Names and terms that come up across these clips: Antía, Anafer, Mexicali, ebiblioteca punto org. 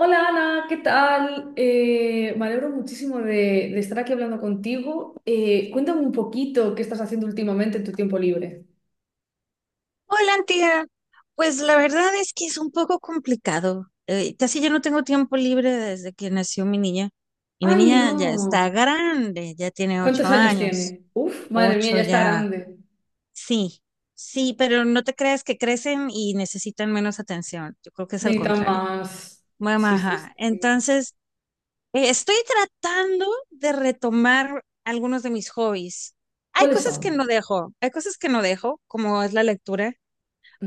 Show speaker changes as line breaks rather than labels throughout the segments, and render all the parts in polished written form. Hola Ana, ¿qué tal? Me alegro muchísimo de estar aquí hablando contigo. Cuéntame un poquito qué estás haciendo últimamente en tu tiempo libre.
Hola, Antía. Pues la verdad es que es un poco complicado. Casi ya no tengo tiempo libre desde que nació mi niña. Y mi
¡Ay, no!
niña ya está grande, ya tiene ocho
¿Cuántos años
años.
tiene? Uf, madre mía, ya
Ocho
está
ya.
grande.
Sí, sí, pero no te creas que crecen y necesitan menos atención. Yo creo que es al
Necesitan
contrario.
más.
Mamá,
Sí, sí, sí.
ajá. Entonces, estoy tratando de retomar algunos de mis hobbies. Hay
¿Cuáles
cosas
son?
que no dejo, hay cosas que no dejo, como es la lectura.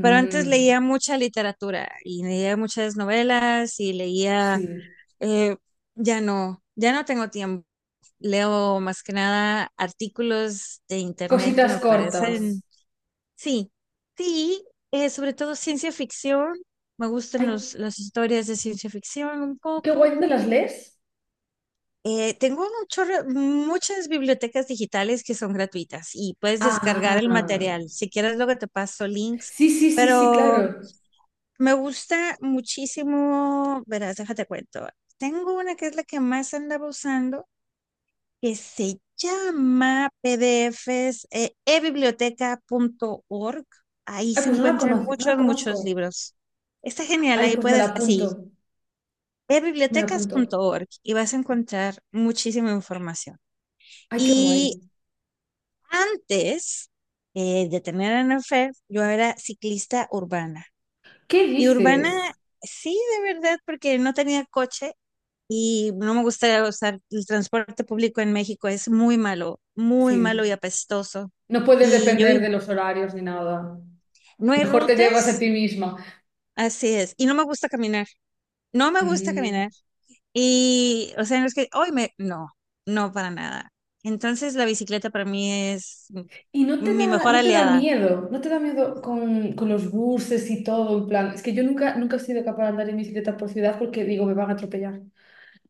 Pero antes leía mucha literatura y leía muchas novelas y leía,
sí.
eh, ya no, ya no tengo tiempo. Leo más que nada artículos de internet que
Cositas
me
cortas.
parecen, sí, sí, sobre todo ciencia ficción. Me gustan
Ay,
los, las historias de ciencia ficción un
qué guay,
poco.
¿dónde las lees?
Tengo un muchas bibliotecas digitales que son gratuitas y puedes descargar el
Ah,
material. Si quieres, luego te paso links.
sí, sí, sí, sí,
Pero
claro.
me gusta muchísimo, verás, déjate cuento. Tengo una que es la que más andaba usando, que se llama PDFs, ebiblioteca punto org. Ahí
Ay,
se
pues no la
encuentran
conozco, no la
muchos, muchos
conozco.
libros. Está genial,
Ay,
ahí
pues me la
puedes, así,
apunto, me la
ebibliotecas punto
apunto.
org y vas a encontrar muchísima información.
Ay, qué guay.
Y antes de tener a Anafer, yo era ciclista urbana.
¿Qué
Y urbana
dices?
Sí, de verdad, porque no tenía coche. Y no me gusta usar el transporte público en México, es muy
Sí,
malo y apestoso.
no puedes
Y yo
depender
vivo,
de los horarios ni nada.
no hay
Mejor te llevas a
rutas,
ti misma.
así es, y no me gusta caminar, no me gusta caminar.
Mm.
Y, o sea, no es que, hoy me, no, no para nada. Entonces la bicicleta para mí es
Y no te
mi
da,
mejor
no te da
aliada.
miedo, no te da miedo con los buses y todo, en plan. Es que yo nunca, nunca he sido capaz de andar en bicicleta por ciudad porque digo, me van a atropellar.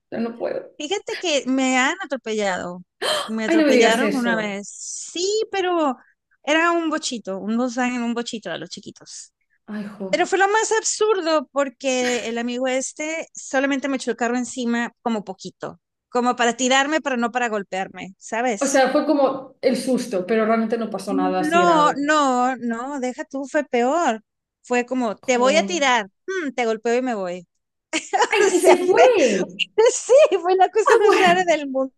Pero no puedo.
Fíjate que me han atropellado, me
Ay, no me digas
atropellaron una
eso.
vez, sí, pero era un bochito, un Volkswagen, un bochito a los chiquitos.
Ay,
Pero
jo.
fue lo más absurdo porque el amigo este solamente me echó el carro encima como poquito, como para tirarme, pero no para golpearme,
O
¿sabes?
sea, fue como el susto, pero realmente no pasó nada así
No,
grave.
no, no, deja tú, fue peor. Fue como, te voy a
Jo.
tirar, te golpeo y me voy.
¡Ay,
O
y
sea,
se
fue,
fue!
sí, fue la
Ah,
cosa más rara
bueno.
del mundo.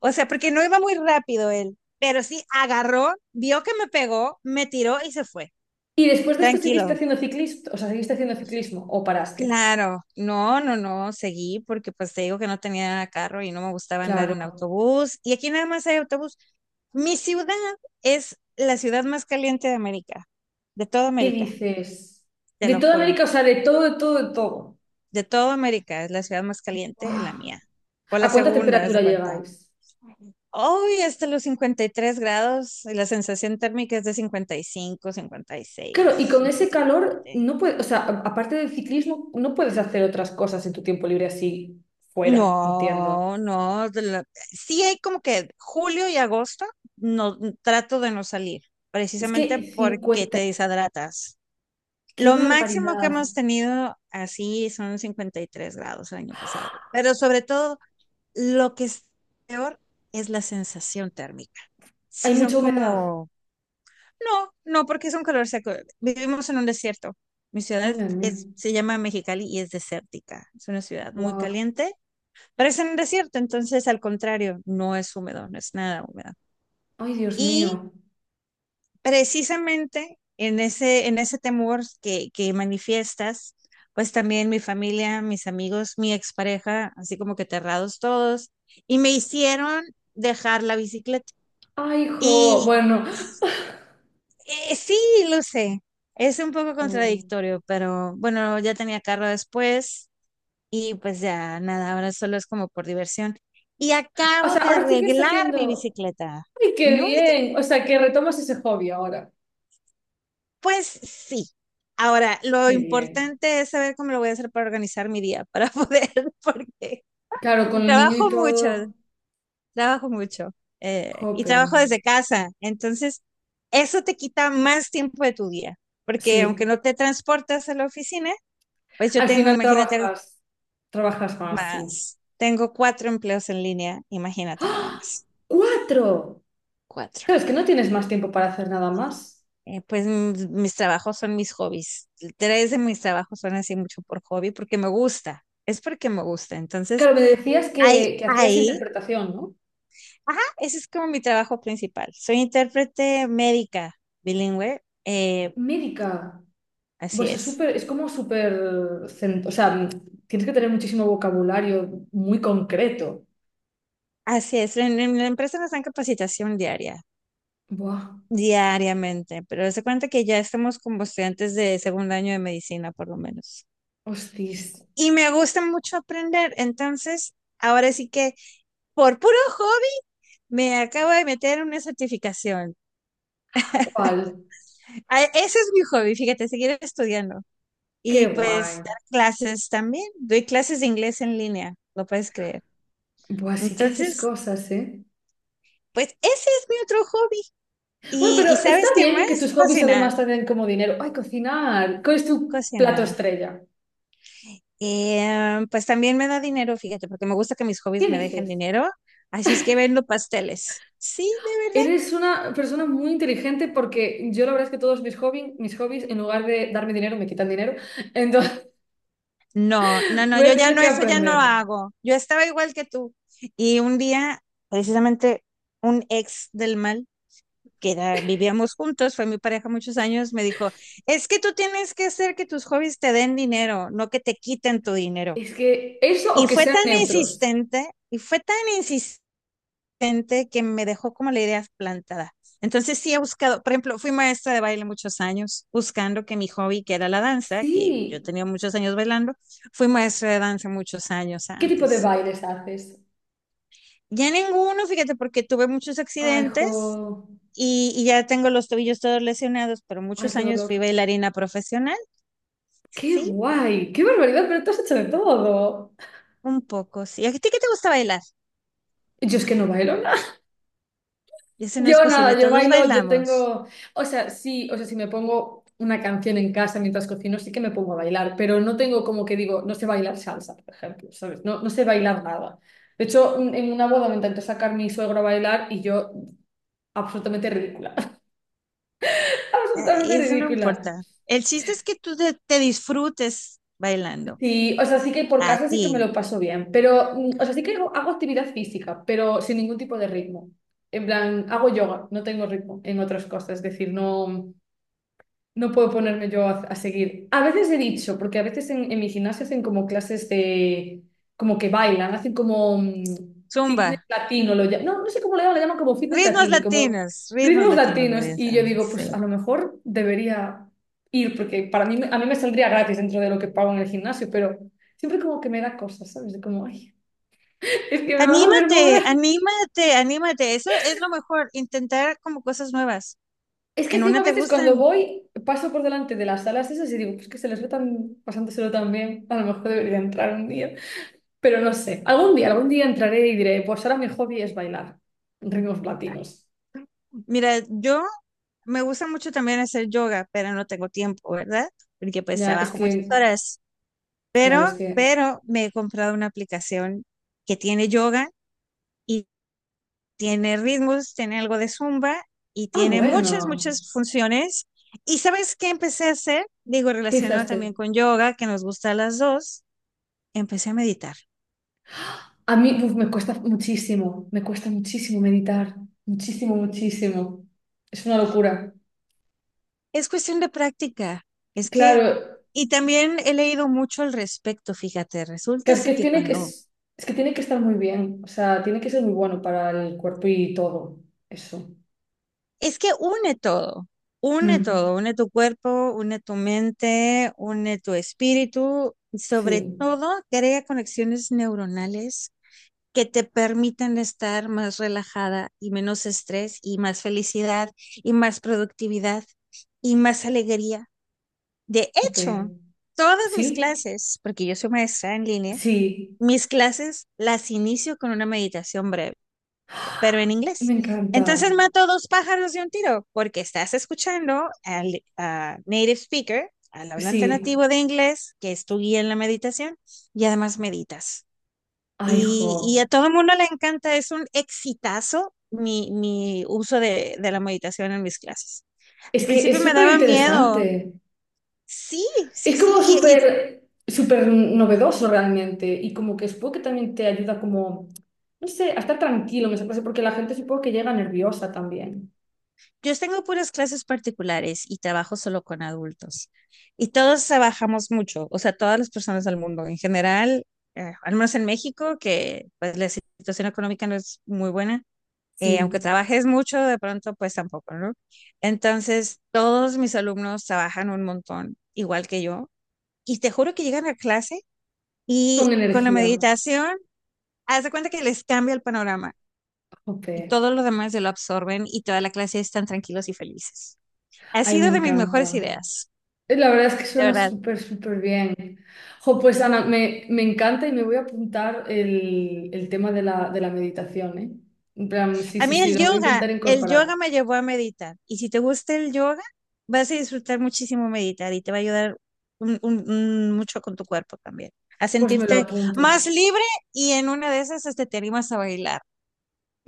O sea, porque no iba muy rápido él, pero sí agarró, vio que me pegó, me tiró y se fue.
Y después de esto seguiste
Tranquilo.
haciendo ciclismo, o sea, seguiste haciendo ciclismo o paraste.
Claro, no, no, no, seguí porque pues te digo que no tenía carro y no me gustaba andar en
Claro.
autobús. Y aquí nada más hay autobús. Mi ciudad es la ciudad más caliente de América, de toda
¿Qué
América,
dices?
te
De
lo
toda
juro.
América, o sea, de todo, de todo, de todo.
De toda América es la ciudad más caliente,
¡Guau!
la mía. O
¿A
la
cuánta
segunda, haz de
temperatura
cuenta.
llegáis?
Hoy hasta los 53 grados y la sensación térmica es de 55,
Claro, y
56,
con ese calor
57.
no puedes, o sea, aparte del ciclismo, no puedes hacer otras cosas en tu tiempo libre así fuera, entiendo.
No, no, sí hay como que julio y agosto no trato de no salir,
Es
precisamente
que
porque
cincuenta,
te deshidratas.
qué
Lo máximo que
barbaridad.
hemos tenido así son 53 grados el año pasado, pero sobre todo lo que es peor es la sensación térmica.
Hay
Sí son
mucha humedad.
como, no, no, porque es un calor seco. Vivimos en un desierto. Mi
Ay,
ciudad
madre mía.
es, se llama Mexicali y es desértica. Es una ciudad muy
Guau.
caliente. Parece un desierto, entonces al contrario, no es húmedo, no es nada húmedo.
Ay, Dios mío.
Y precisamente en ese temor que manifiestas, pues también mi familia, mis amigos, mi expareja, así como que aterrados todos, y me hicieron dejar la bicicleta.
Ay, hijo.
Y
Bueno.
sí, lo sé, es un poco contradictorio, pero bueno, ya tenía carro después, y pues ya nada, ahora solo es como por diversión. Y
O
acabo
sea,
de
ahora sí que estás
arreglar mi
haciendo.
bicicleta.
¡Ay, qué
No,
bien! O sea, que retomas ese hobby ahora.
pues sí. Ahora, lo
Qué bien.
importante es saber cómo lo voy a hacer para organizar mi día, para poder, porque
Claro, con el niño y
trabajo mucho,
todo,
trabajo mucho, y
jope.
trabajo desde casa. Entonces, eso te quita más tiempo de tu día, porque aunque
Sí.
no te transportas a la oficina, pues yo
Al
tengo,
final
imagínate,
trabajas, trabajas más, sí.
más, tengo cuatro empleos en línea, imagínate nada
¡Ah!
más,
¡Cuatro!
cuatro.
Claro, es que no tienes más tiempo para hacer nada más.
Pues mis trabajos son mis hobbies. Tres de mis trabajos son así mucho por hobby porque me gusta. Es porque me gusta. Entonces,
Claro, me decías
ahí,
que hacías
ahí,
interpretación, ¿no?
ajá, ese es como mi trabajo principal. Soy intérprete médica bilingüe.
Médica.
Así
Pues es
es.
súper, es como súper, o sea, tienes que tener muchísimo vocabulario muy concreto.
Así es. En la empresa nos dan capacitación diaria,
Buah,
diariamente, pero se cuenta que ya estamos como estudiantes de segundo año de medicina, por lo menos.
hostis.
Y me gusta mucho aprender. Entonces, ahora sí que por puro hobby me acabo de meter en una certificación.
¿Cuál?
Ah, ese es mi hobby, fíjate, seguir estudiando.
Qué
Y pues
guay.
dar clases también. Doy clases de inglés en línea, lo puedes creer.
Pues sí que haces
Entonces,
cosas, ¿eh?
pues ese es mi otro hobby.
Bueno,
Y,
pero
y
está
¿sabes qué
bien que
más?
tus hobbies
Cocinar,
además te den como dinero. ¡Ay, cocinar! ¿Cuál es tu plato
cocinar.
estrella?
Y, pues también me da dinero, fíjate, porque me gusta que mis hobbies
¿Qué
me dejen
dices?
dinero. Así es que vendo pasteles. Sí, de.
Eres una persona muy inteligente porque yo la verdad es que todos mis hobbies, en lugar de darme dinero, me quitan dinero. Entonces
No, no, no,
voy a
yo ya
tener
no,
que
eso ya no
aprender.
hago. Yo estaba igual que tú. Y un día, precisamente, un ex del mal, que vivíamos juntos, fue mi pareja muchos años, me dijo, es que tú tienes que hacer que tus hobbies te den dinero, no que te quiten tu dinero.
Es que eso o
Y
que
fue
sean
tan
neutros.
insistente, y fue tan insistente gente que me dejó como la idea plantada. Entonces sí he buscado, por ejemplo, fui maestra de baile muchos años, buscando que mi hobby, que era la danza, que yo
Sí.
tenía muchos años bailando, fui maestra de danza muchos años
¿Qué tipo de
antes.
bailes haces?
Ya ninguno, fíjate, porque tuve muchos
Ay, jo.
accidentes y ya tengo los tobillos todos lesionados, pero
Ay,
muchos
qué
años fui
dolor.
bailarina profesional,
Qué
sí,
guay. Qué barbaridad, pero tú has hecho de todo.
un poco, sí. ¿A ti qué te gusta bailar?
Yo es que no bailo nada.
Y eso no es
Yo
posible,
nada, yo
todos
bailo, yo
bailamos.
tengo, o sea, sí, o sea, si me pongo una canción en casa mientras cocino, sí que me pongo a bailar, pero no tengo como que digo, no sé bailar salsa, por ejemplo, ¿sabes? No, no sé bailar nada. De hecho, en una boda me intentó sacar mi suegro a bailar y yo, absolutamente ridícula,
Ay,
absolutamente
eso no
ridícula.
importa. El chiste es que tú te disfrutes bailando.
Sí, o sea, sí que por
A
casa sí que me
ti.
lo paso bien, pero, mm, o sea, sí que hago, hago actividad física, pero sin ningún tipo de ritmo. En plan, hago yoga, no tengo ritmo en otras cosas, es decir, no. No puedo ponerme yo a seguir. A veces he dicho, porque a veces en mi gimnasio hacen como clases de, como que bailan, hacen como fitness
Zumba.
latino, no, no sé cómo le llaman como fitness latino y como
Ritmos
ritmos
latinos lo
latinos. Y yo
dicen,
digo, pues a
sí.
lo mejor debería ir, porque para mí, a mí me saldría gratis dentro de lo que pago en el gimnasio, pero siempre como que me da cosas, ¿sabes? De como, ay, es que me van a ver
Anímate,
mover.
anímate, anímate. Eso es lo mejor, intentar como cosas nuevas.
Es que
En
encima
una
a
te
veces cuando
gustan.
voy, paso por delante de las salas esas y digo, pues que se les ve tan, pasándoselo tan bien, a lo mejor debería entrar un día, pero no sé, algún día entraré y diré, pues ahora mi hobby es bailar ritmos latinos.
Mira, yo me gusta mucho también hacer yoga, pero no tengo tiempo, ¿verdad? Porque pues
Ya, es
trabajo muchas
que,
horas.
claro, es
Pero,
que,
pero me he comprado una aplicación que tiene yoga, tiene ritmos, tiene algo de zumba y
ah,
tiene muchas,
bueno,
muchas funciones. ¿Y sabes qué empecé a hacer? Digo,
¿qué
relacionado también
hiciste?
con yoga, que nos gusta a las dos, empecé a meditar.
A mí uf, me cuesta muchísimo meditar, muchísimo, muchísimo. Es una locura.
Es cuestión de práctica. Es que,
Claro,
y también he leído mucho al respecto, fíjate, resulta ser
Que
que
tiene que,
cuando,
es que tiene que estar muy bien, o sea, tiene que ser muy bueno para el cuerpo y todo eso.
es que une todo, une
Mm,
todo, une tu cuerpo, une tu mente, une tu espíritu y sobre
sí,
todo crea conexiones neuronales que te permiten estar más relajada y menos estrés y más felicidad y más productividad y más alegría. De hecho,
jope.
todas mis
¿Sí?
clases, porque yo soy maestra en línea,
Sí.
mis clases las inicio con una meditación breve, pero
¡Ah!
en
Me
inglés.
encanta.
Entonces mato dos pájaros de un tiro, porque estás escuchando al a native speaker, al hablante
Sí.
nativo de inglés, que es tu guía en la meditación, y además meditas.
Ay, jo.
Y a todo el mundo le encanta, es un exitazo mi uso de la meditación en mis clases.
Es
Al
que
principio
es
me
súper
daba miedo.
interesante.
Sí, sí,
Es
sí.
como
Y
súper, súper novedoso realmente y como que supongo que también te ayuda como, no sé, a estar tranquilo, me parece, porque la gente supongo que llega nerviosa también.
yo tengo puras clases particulares y trabajo solo con adultos. Y todos trabajamos mucho, o sea, todas las personas del mundo en general, al menos en México, que pues la situación económica no es muy buena.
Sí,
Aunque trabajes mucho, de pronto pues tampoco, ¿no? Entonces, todos mis alumnos trabajan un montón, igual que yo y te juro que llegan a clase y
con
con la
energía.
meditación, haz de cuenta que les cambia el panorama
Ok.
y todo lo demás se lo absorben y toda la clase están tranquilos y felices. Ha
Ay, me
sido de mis mejores
encanta.
ideas,
La verdad es que
de
suena
verdad.
súper, súper bien. Jo, pues Ana, me encanta y me voy a apuntar el tema de de la meditación, ¿eh? En plan, sí,
A
sí,
mí
sí, lo voy a intentar
el
incorporar.
yoga me llevó a meditar y si te gusta el yoga, vas a disfrutar muchísimo meditar y te va a ayudar un mucho con tu cuerpo también, a
Pues me lo
sentirte
apunto.
más libre y en una de esas este, te animas a bailar.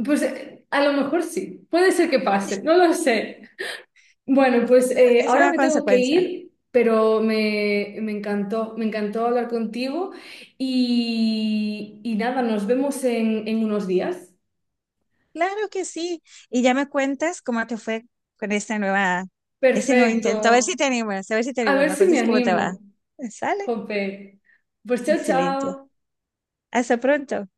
Pues a lo mejor sí, puede ser que pase, no lo sé. Bueno,
Es
pues
una, es
ahora
una
me tengo que
consecuencia.
ir, pero me encantó hablar contigo y nada, nos vemos en unos días.
Claro que sí. Y ya me cuentas cómo te fue con esta nueva, ese nuevo intento. A ver si
Perfecto.
te animas, a ver si te
A
animas.
ver
Me
si me
cuentas cómo te va.
animo.
Sale.
Jope. Pues chao,
Excelente.
chao.
Hasta pronto.